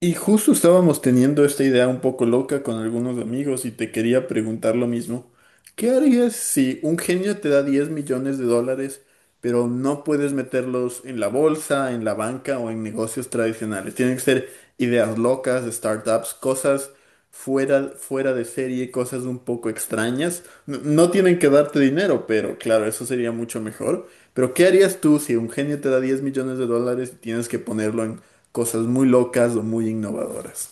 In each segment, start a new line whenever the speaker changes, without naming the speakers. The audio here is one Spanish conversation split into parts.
Y justo estábamos teniendo esta idea un poco loca con algunos amigos y te quería preguntar lo mismo. ¿Qué harías si un genio te da 10 millones de dólares, pero no puedes meterlos en la bolsa, en la banca o en negocios tradicionales? Tienen que ser ideas locas, startups, cosas fuera de serie, cosas un poco extrañas. No tienen que darte dinero, pero claro, eso sería mucho mejor. Pero ¿qué harías tú si un genio te da 10 millones de dólares y tienes que ponerlo en cosas muy locas o muy innovadoras?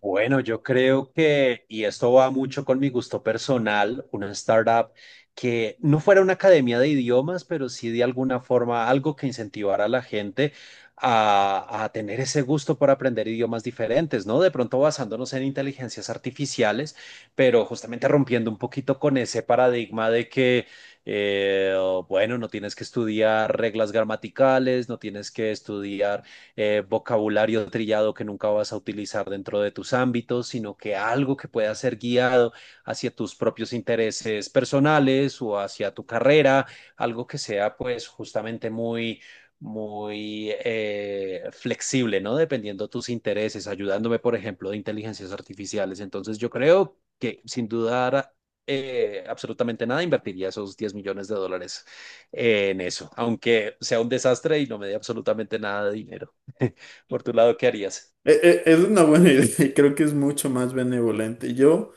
Bueno, yo creo que, y esto va mucho con mi gusto personal, una startup que no fuera una academia de idiomas, pero sí de alguna forma algo que incentivara a la gente a tener ese gusto por aprender idiomas diferentes, ¿no? De pronto basándonos en inteligencias artificiales, pero justamente rompiendo un poquito con ese paradigma de que eh, bueno, no tienes que estudiar reglas gramaticales, no tienes que estudiar vocabulario trillado que nunca vas a utilizar dentro de tus ámbitos, sino que algo que pueda ser guiado hacia tus propios intereses personales o hacia tu carrera, algo que sea pues justamente muy muy flexible, ¿no? Dependiendo de tus intereses, ayudándome, por ejemplo, de inteligencias artificiales. Entonces, yo creo que sin dudar absolutamente nada, invertiría esos 10 millones de dólares en eso, aunque sea un desastre y no me dé absolutamente nada de dinero. Por tu lado, ¿qué harías?
E- Es una buena idea y creo que es mucho más benevolente. Yo,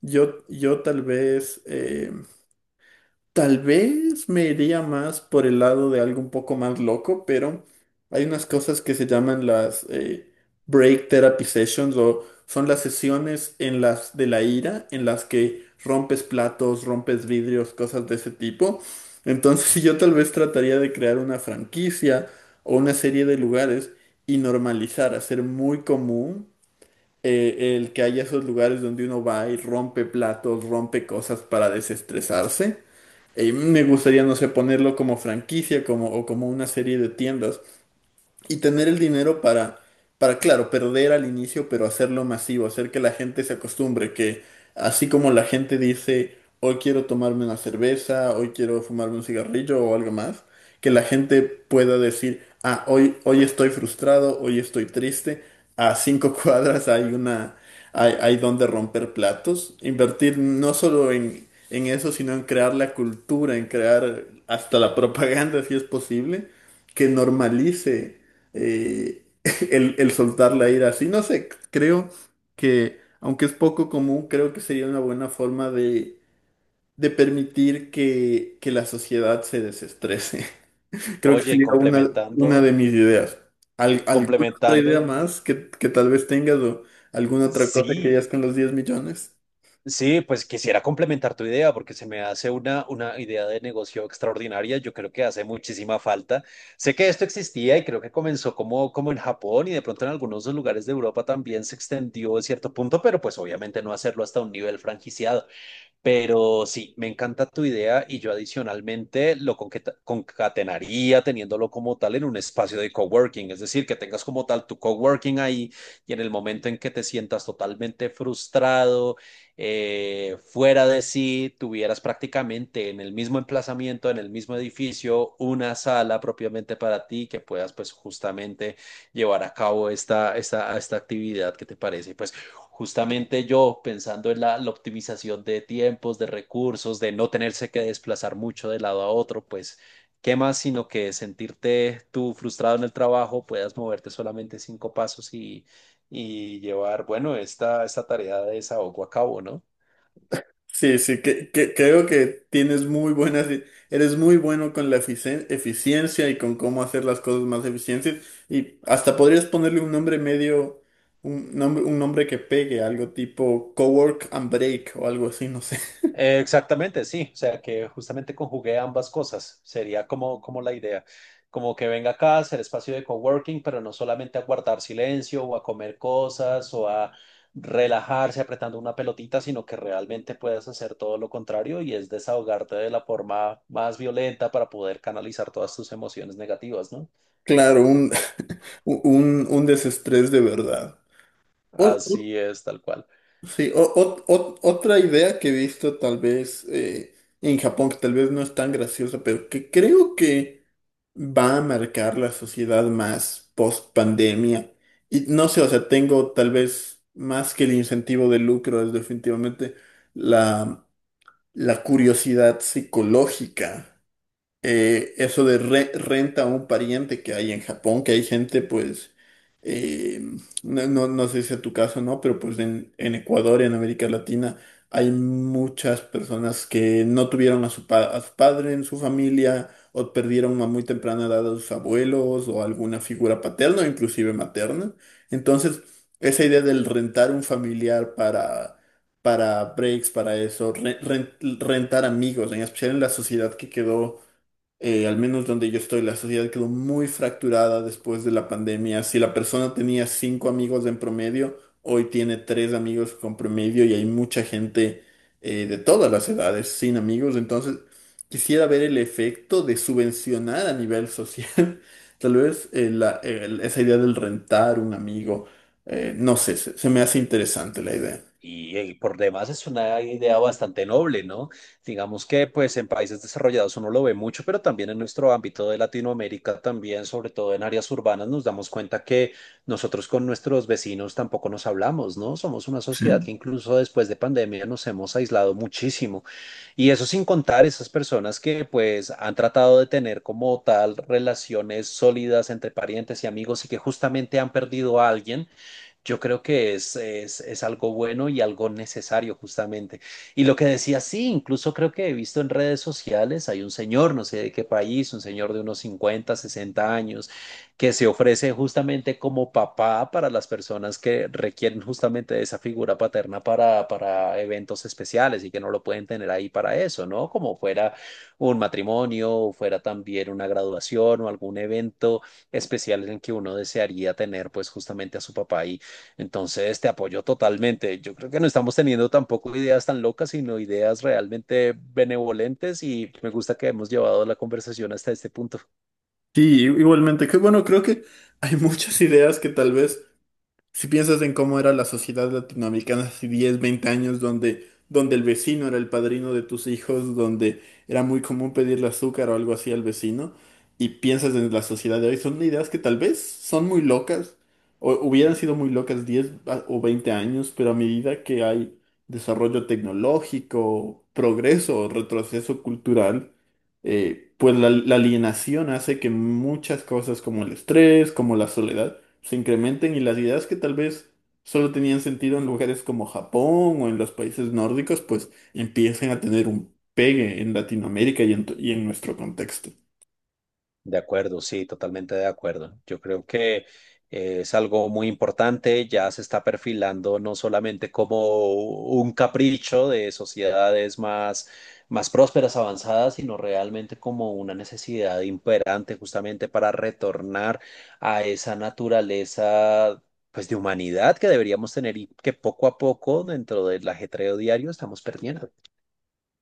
yo, yo tal vez me iría más por el lado de algo un poco más loco, pero hay unas cosas que se llaman las break therapy sessions o son las sesiones en las de la ira en las que rompes platos, rompes vidrios, cosas de ese tipo. Entonces yo tal vez trataría de crear una franquicia o una serie de lugares y normalizar, hacer muy común el que haya esos lugares donde uno va y rompe platos, rompe cosas para desestresarse. Me gustaría, no sé, ponerlo como franquicia como, o como una serie de tiendas y tener el dinero para, claro, perder al inicio, pero hacerlo masivo, hacer que la gente se acostumbre, que así como la gente dice, hoy quiero tomarme una cerveza, hoy quiero fumarme un cigarrillo o algo más, que la gente pueda decir, ah, hoy estoy frustrado, hoy estoy triste, a 5 cuadras hay una, hay donde romper platos, invertir no solo en eso, sino en crear la cultura, en crear hasta la propaganda, si es posible, que normalice eh, el soltar la ira así. No sé, creo que, aunque es poco común, creo que sería una buena forma de permitir que la sociedad se desestrese. Creo que
Oye, y
sería una de
complementando,
mis ideas. ¿Alguna otra idea
complementando,
más que tal vez tengas o alguna otra cosa que
sí,
hayas con los 10 millones?
sí, pues quisiera complementar tu idea porque se me hace una idea de negocio extraordinaria. Yo creo que hace muchísima falta. Sé que esto existía y creo que comenzó como en Japón y de pronto en algunos lugares de Europa también se extendió a cierto punto, pero pues obviamente no hacerlo hasta un nivel franquiciado. Pero sí, me encanta tu idea y yo adicionalmente lo concatenaría teniéndolo como tal en un espacio de coworking, es decir, que tengas como tal tu coworking ahí y en el momento en que te sientas totalmente frustrado, fuera de sí, tuvieras prácticamente en el mismo emplazamiento, en el mismo edificio, una sala propiamente para ti que puedas pues justamente llevar a cabo esta actividad que te parece. Pues justamente yo pensando en la optimización de tiempos, de recursos, de no tenerse que desplazar mucho de lado a otro, pues qué más sino que sentirte tú frustrado en el trabajo, puedas moverte solamente 5 pasos y llevar, bueno, esta tarea de desahogo a cabo, ¿no?
Sí, sí, creo que tienes muy buenas, eres muy bueno con la eficiencia y con cómo hacer las cosas más eficientes. Y hasta podrías ponerle un nombre medio, un nombre que pegue, algo tipo Cowork and Break o algo así, no sé.
Exactamente, sí. O sea, que justamente conjugué ambas cosas. Sería como la idea. Como que venga acá, a hacer espacio de coworking, pero no solamente a guardar silencio o a comer cosas o a relajarse apretando una pelotita, sino que realmente puedas hacer todo lo contrario y es desahogarte de la forma más violenta para poder canalizar todas tus emociones negativas, ¿no?
Claro, un desestrés de verdad. O- o-
Así es, tal cual.
sí, otra idea que he visto tal vez en Japón, que tal vez no es tan graciosa, pero que creo que va a marcar la sociedad más post pandemia. Y no sé, o sea, tengo tal vez más que el incentivo de lucro, es definitivamente la, la curiosidad psicológica eso de renta a un pariente que hay en Japón, que hay gente, pues, eh, no sé si es tu caso, ¿no? Pero pues en Ecuador, en América Latina, hay muchas personas que no tuvieron a su, a su padre en su familia o perdieron a muy temprana edad a sus abuelos o alguna figura paterna o inclusive materna. Entonces, esa idea del rentar un familiar para breaks, para eso, rentar amigos, en especial en la sociedad que quedó al menos donde yo estoy, la sociedad quedó muy fracturada después de la pandemia. Si la persona tenía 5 amigos en promedio, hoy tiene 3 amigos con promedio y hay mucha gente de todas las edades sin amigos. Entonces, quisiera ver el efecto de subvencionar a nivel social, tal vez esa idea del rentar un amigo. No sé, se me hace interesante la idea.
Y por demás es una idea bastante noble, ¿no? Digamos que pues en países desarrollados uno lo ve mucho, pero también en nuestro ámbito de Latinoamérica, también sobre todo en áreas urbanas, nos damos cuenta que nosotros con nuestros vecinos tampoco nos hablamos, ¿no? Somos una sociedad que incluso después de pandemia nos hemos aislado muchísimo. Y eso sin contar esas personas que pues han tratado de tener como tal relaciones sólidas entre parientes y amigos y que justamente han perdido a alguien, yo creo que es algo bueno y algo necesario justamente. Y lo que decía, sí, incluso creo que he visto en redes sociales, hay un señor, no sé de qué país, un señor de unos 50 60 años, que se ofrece justamente como papá para las personas que requieren justamente de esa figura paterna para eventos especiales y que no lo pueden tener ahí para eso, ¿no? Como fuera un matrimonio, o fuera también una graduación o algún evento especial en el que uno desearía tener pues justamente a su papá ahí. Entonces, te apoyo totalmente. Yo creo que no estamos teniendo tampoco ideas tan locas, sino ideas realmente benevolentes y me gusta que hemos llevado la conversación hasta este punto.
Sí, igualmente, que bueno, creo que hay muchas ideas que tal vez si piensas en cómo era la sociedad latinoamericana hace 10, 20 años, donde el vecino era el padrino de tus hijos, donde era muy común pedirle azúcar o algo así al vecino, y piensas en la sociedad de hoy, son ideas que tal vez son muy locas, o hubieran sido muy locas 10 o 20 años, pero a medida que hay desarrollo tecnológico, progreso o retroceso cultural, pues la alienación hace que muchas cosas como el estrés, como la soledad, se incrementen y las ideas que tal vez solo tenían sentido en lugares como Japón o en los países nórdicos, pues empiecen a tener un pegue en Latinoamérica y y en nuestro contexto.
De acuerdo, sí, totalmente de acuerdo. Yo creo que es algo muy importante, ya se está perfilando no solamente como un capricho de sociedades más prósperas, avanzadas, sino realmente como una necesidad imperante justamente para retornar a esa naturaleza pues de humanidad que deberíamos tener y que poco a poco dentro del ajetreo diario estamos perdiendo.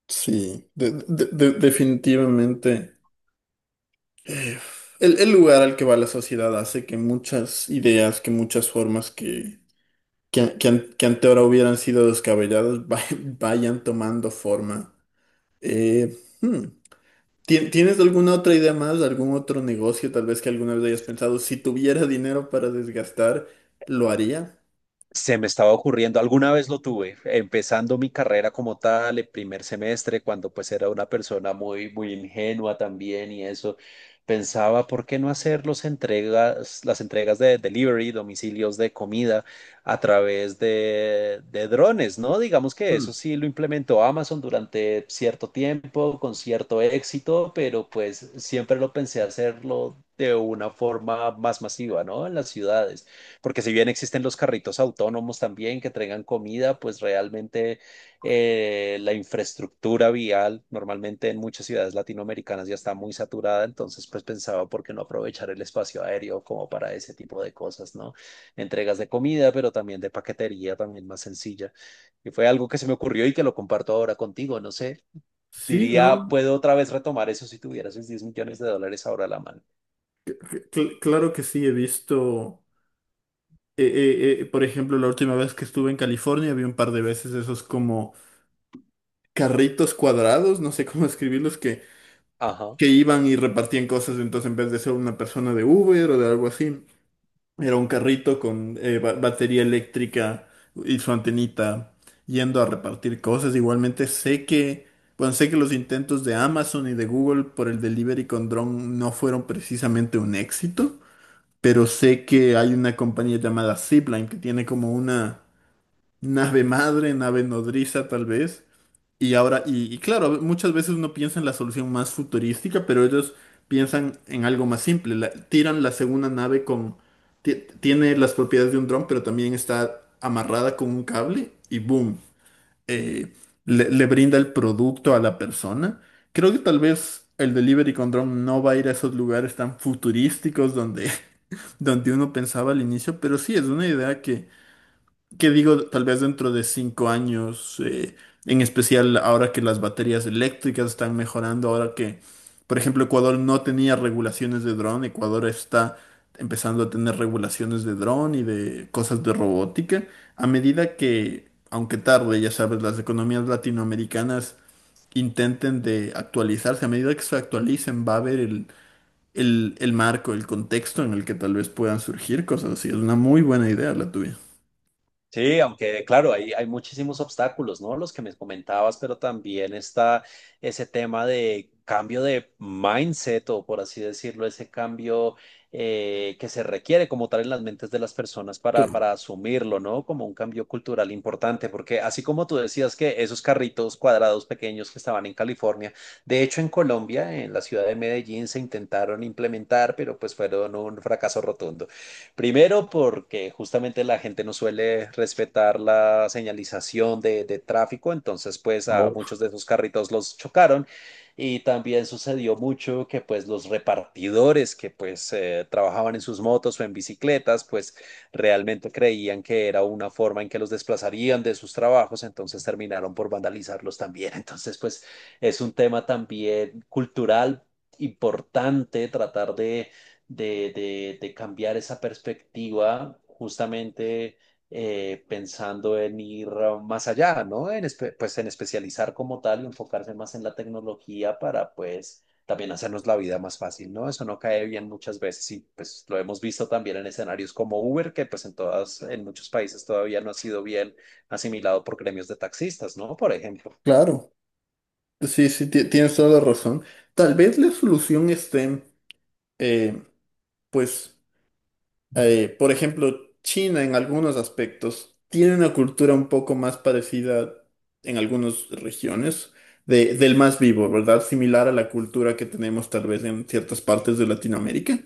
Sí, definitivamente eh, el lugar al que va la sociedad hace que muchas ideas, que muchas formas que ante ahora hubieran sido descabelladas vayan tomando forma. Hmm. ¿Tienes alguna otra idea más, algún otro negocio tal vez que alguna vez hayas pensado? Si tuviera dinero para desgastar, ¿lo haría?
Se me estaba ocurriendo, alguna vez lo tuve, empezando mi carrera como tal, el primer semestre, cuando pues era una persona muy, muy ingenua también y eso, pensaba, ¿por qué no hacer las entregas de delivery, domicilios de comida a través de drones, ¿no? Digamos que
Hmm.
eso sí lo implementó Amazon durante cierto tiempo, con cierto éxito, pero pues siempre lo pensé hacerlo de una forma más masiva, ¿no? En las ciudades, porque si bien existen los carritos autónomos también que traigan comida, pues realmente la infraestructura vial normalmente en muchas ciudades latinoamericanas ya está muy saturada, entonces pues pensaba por qué no aprovechar el espacio aéreo como para ese tipo de cosas, ¿no? Entregas de comida, pero también de paquetería, también más sencilla. Y fue algo que se me ocurrió y que lo comparto ahora contigo, no sé,
Sí,
diría,
no,
puedo otra vez retomar eso si tuvieras esos 10 millones de dólares ahora a la mano.
claro que sí, he visto, por ejemplo, la última vez que estuve en California, vi un par de veces esos como carritos cuadrados, no sé cómo escribirlos,
Ajá.
que iban y repartían cosas, entonces en vez de ser una persona de Uber o de algo así, era un carrito con batería eléctrica y su antenita yendo a repartir cosas. Igualmente sé que, bueno, sé que los intentos de Amazon y de Google por el delivery con dron no fueron precisamente un éxito, pero sé que hay una compañía llamada Zipline que tiene como una nave madre, nave nodriza tal vez, y claro, muchas veces uno piensa en la solución más futurística, pero ellos piensan en algo más simple. Tiran la segunda nave con ti- tiene las propiedades de un dron, pero también está amarrada con un cable y boom. eh, le brinda el producto a la persona. Creo que tal vez el delivery con dron no va a ir a esos lugares tan futurísticos donde, donde uno pensaba al inicio, pero sí es una idea que digo, tal vez dentro de 5 años, en especial ahora que las baterías eléctricas están mejorando, ahora que, por ejemplo, Ecuador no tenía regulaciones de dron, Ecuador está empezando a tener regulaciones de dron y de cosas de robótica, a medida que, aunque tarde, ya sabes, las economías latinoamericanas intenten de actualizarse, a medida que se actualicen va a haber el marco, el contexto en el que tal vez puedan surgir cosas así. Es una muy buena idea la tuya.
Sí, aunque claro, hay muchísimos obstáculos, ¿no? Los que me comentabas, pero también está ese tema de cambio de mindset o por así decirlo, ese cambio que se requiere como tal en las mentes de las personas para asumirlo, ¿no? Como un cambio cultural importante, porque así como tú decías que esos carritos cuadrados pequeños que estaban en California, de hecho en Colombia, en la ciudad de Medellín, se intentaron implementar, pero pues fueron un fracaso rotundo. Primero, porque justamente la gente no suele respetar la señalización de tráfico, entonces pues a
Oh.
muchos de esos carritos los chocaron y también sucedió mucho que pues los repartidores que pues trabajaban en sus motos o en bicicletas pues realmente creían que era una forma en que los desplazarían de sus trabajos, entonces terminaron por vandalizarlos también. Entonces pues es un tema también cultural importante tratar de cambiar esa perspectiva, justamente pensando en ir más allá, ¿no? En, pues en especializar como tal y enfocarse más en la tecnología para pues también hacernos la vida más fácil, ¿no? Eso no cae bien muchas veces y pues lo hemos visto también en escenarios como Uber, que pues en todas, en muchos países todavía no ha sido bien asimilado por gremios de taxistas, ¿no? Por ejemplo.
Claro. Sí, sí, tienes toda la razón. Tal vez la solución esté, eh, pues, por ejemplo, China en algunos aspectos tiene una cultura un poco más parecida en algunas regiones del más vivo, ¿verdad? Similar a la cultura que tenemos tal vez en ciertas partes de Latinoamérica.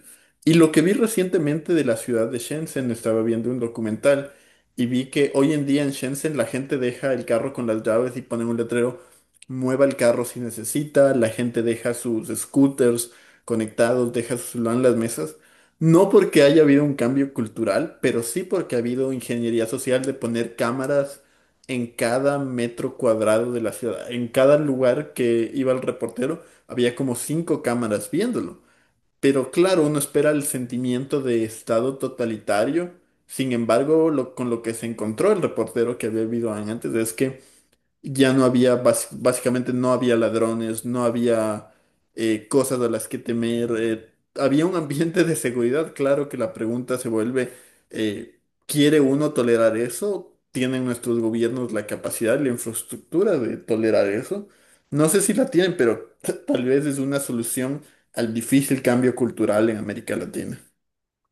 Y lo que vi recientemente de la ciudad de Shenzhen, estaba viendo un documental y vi que hoy en día en Shenzhen la gente deja el carro con las llaves y ponen un letrero, mueva el carro si necesita, la gente deja sus scooters conectados, deja su celular en las mesas. No porque haya habido un cambio cultural, pero sí porque ha habido ingeniería social de poner cámaras en cada metro cuadrado de la ciudad. En cada lugar que iba el reportero había como 5 cámaras viéndolo. Pero claro, uno espera el sentimiento de estado totalitario. Sin embargo, con lo que se encontró el reportero que había habido antes es que ya no había, básicamente no había ladrones, no había cosas a las que temer, había un ambiente de seguridad, claro que la pregunta se vuelve, eh, ¿quiere uno tolerar eso? ¿Tienen nuestros gobiernos la capacidad y la infraestructura de tolerar eso? No sé si la tienen, pero tal vez es una solución al difícil cambio cultural en América Latina.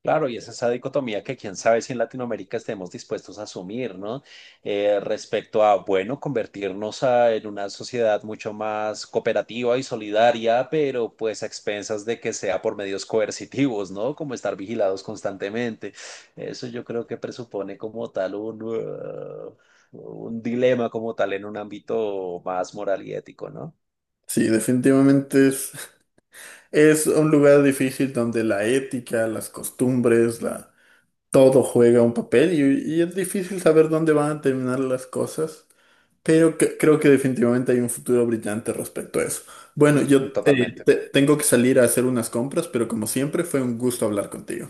Claro, y es esa dicotomía que quién sabe si en Latinoamérica estemos dispuestos a asumir, ¿no? Respecto a, bueno, convertirnos en una sociedad mucho más cooperativa y solidaria, pero pues a expensas de que sea por medios coercitivos, ¿no? Como estar vigilados constantemente. Eso yo creo que presupone como tal un dilema como tal en un ámbito más moral y ético, ¿no?
Sí, definitivamente es, es un lugar difícil donde la ética, las costumbres, la todo juega un papel y es difícil saber dónde van a terminar las cosas, pero creo que definitivamente hay un futuro brillante respecto a eso. Bueno, yo
Totalmente.
tengo que salir a hacer unas compras, pero como siempre fue un gusto hablar contigo.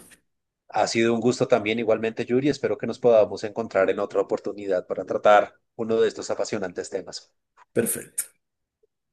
Ha sido un gusto también igualmente, Yuri. Espero que nos podamos encontrar en otra oportunidad para tratar uno de estos apasionantes temas.
Perfecto.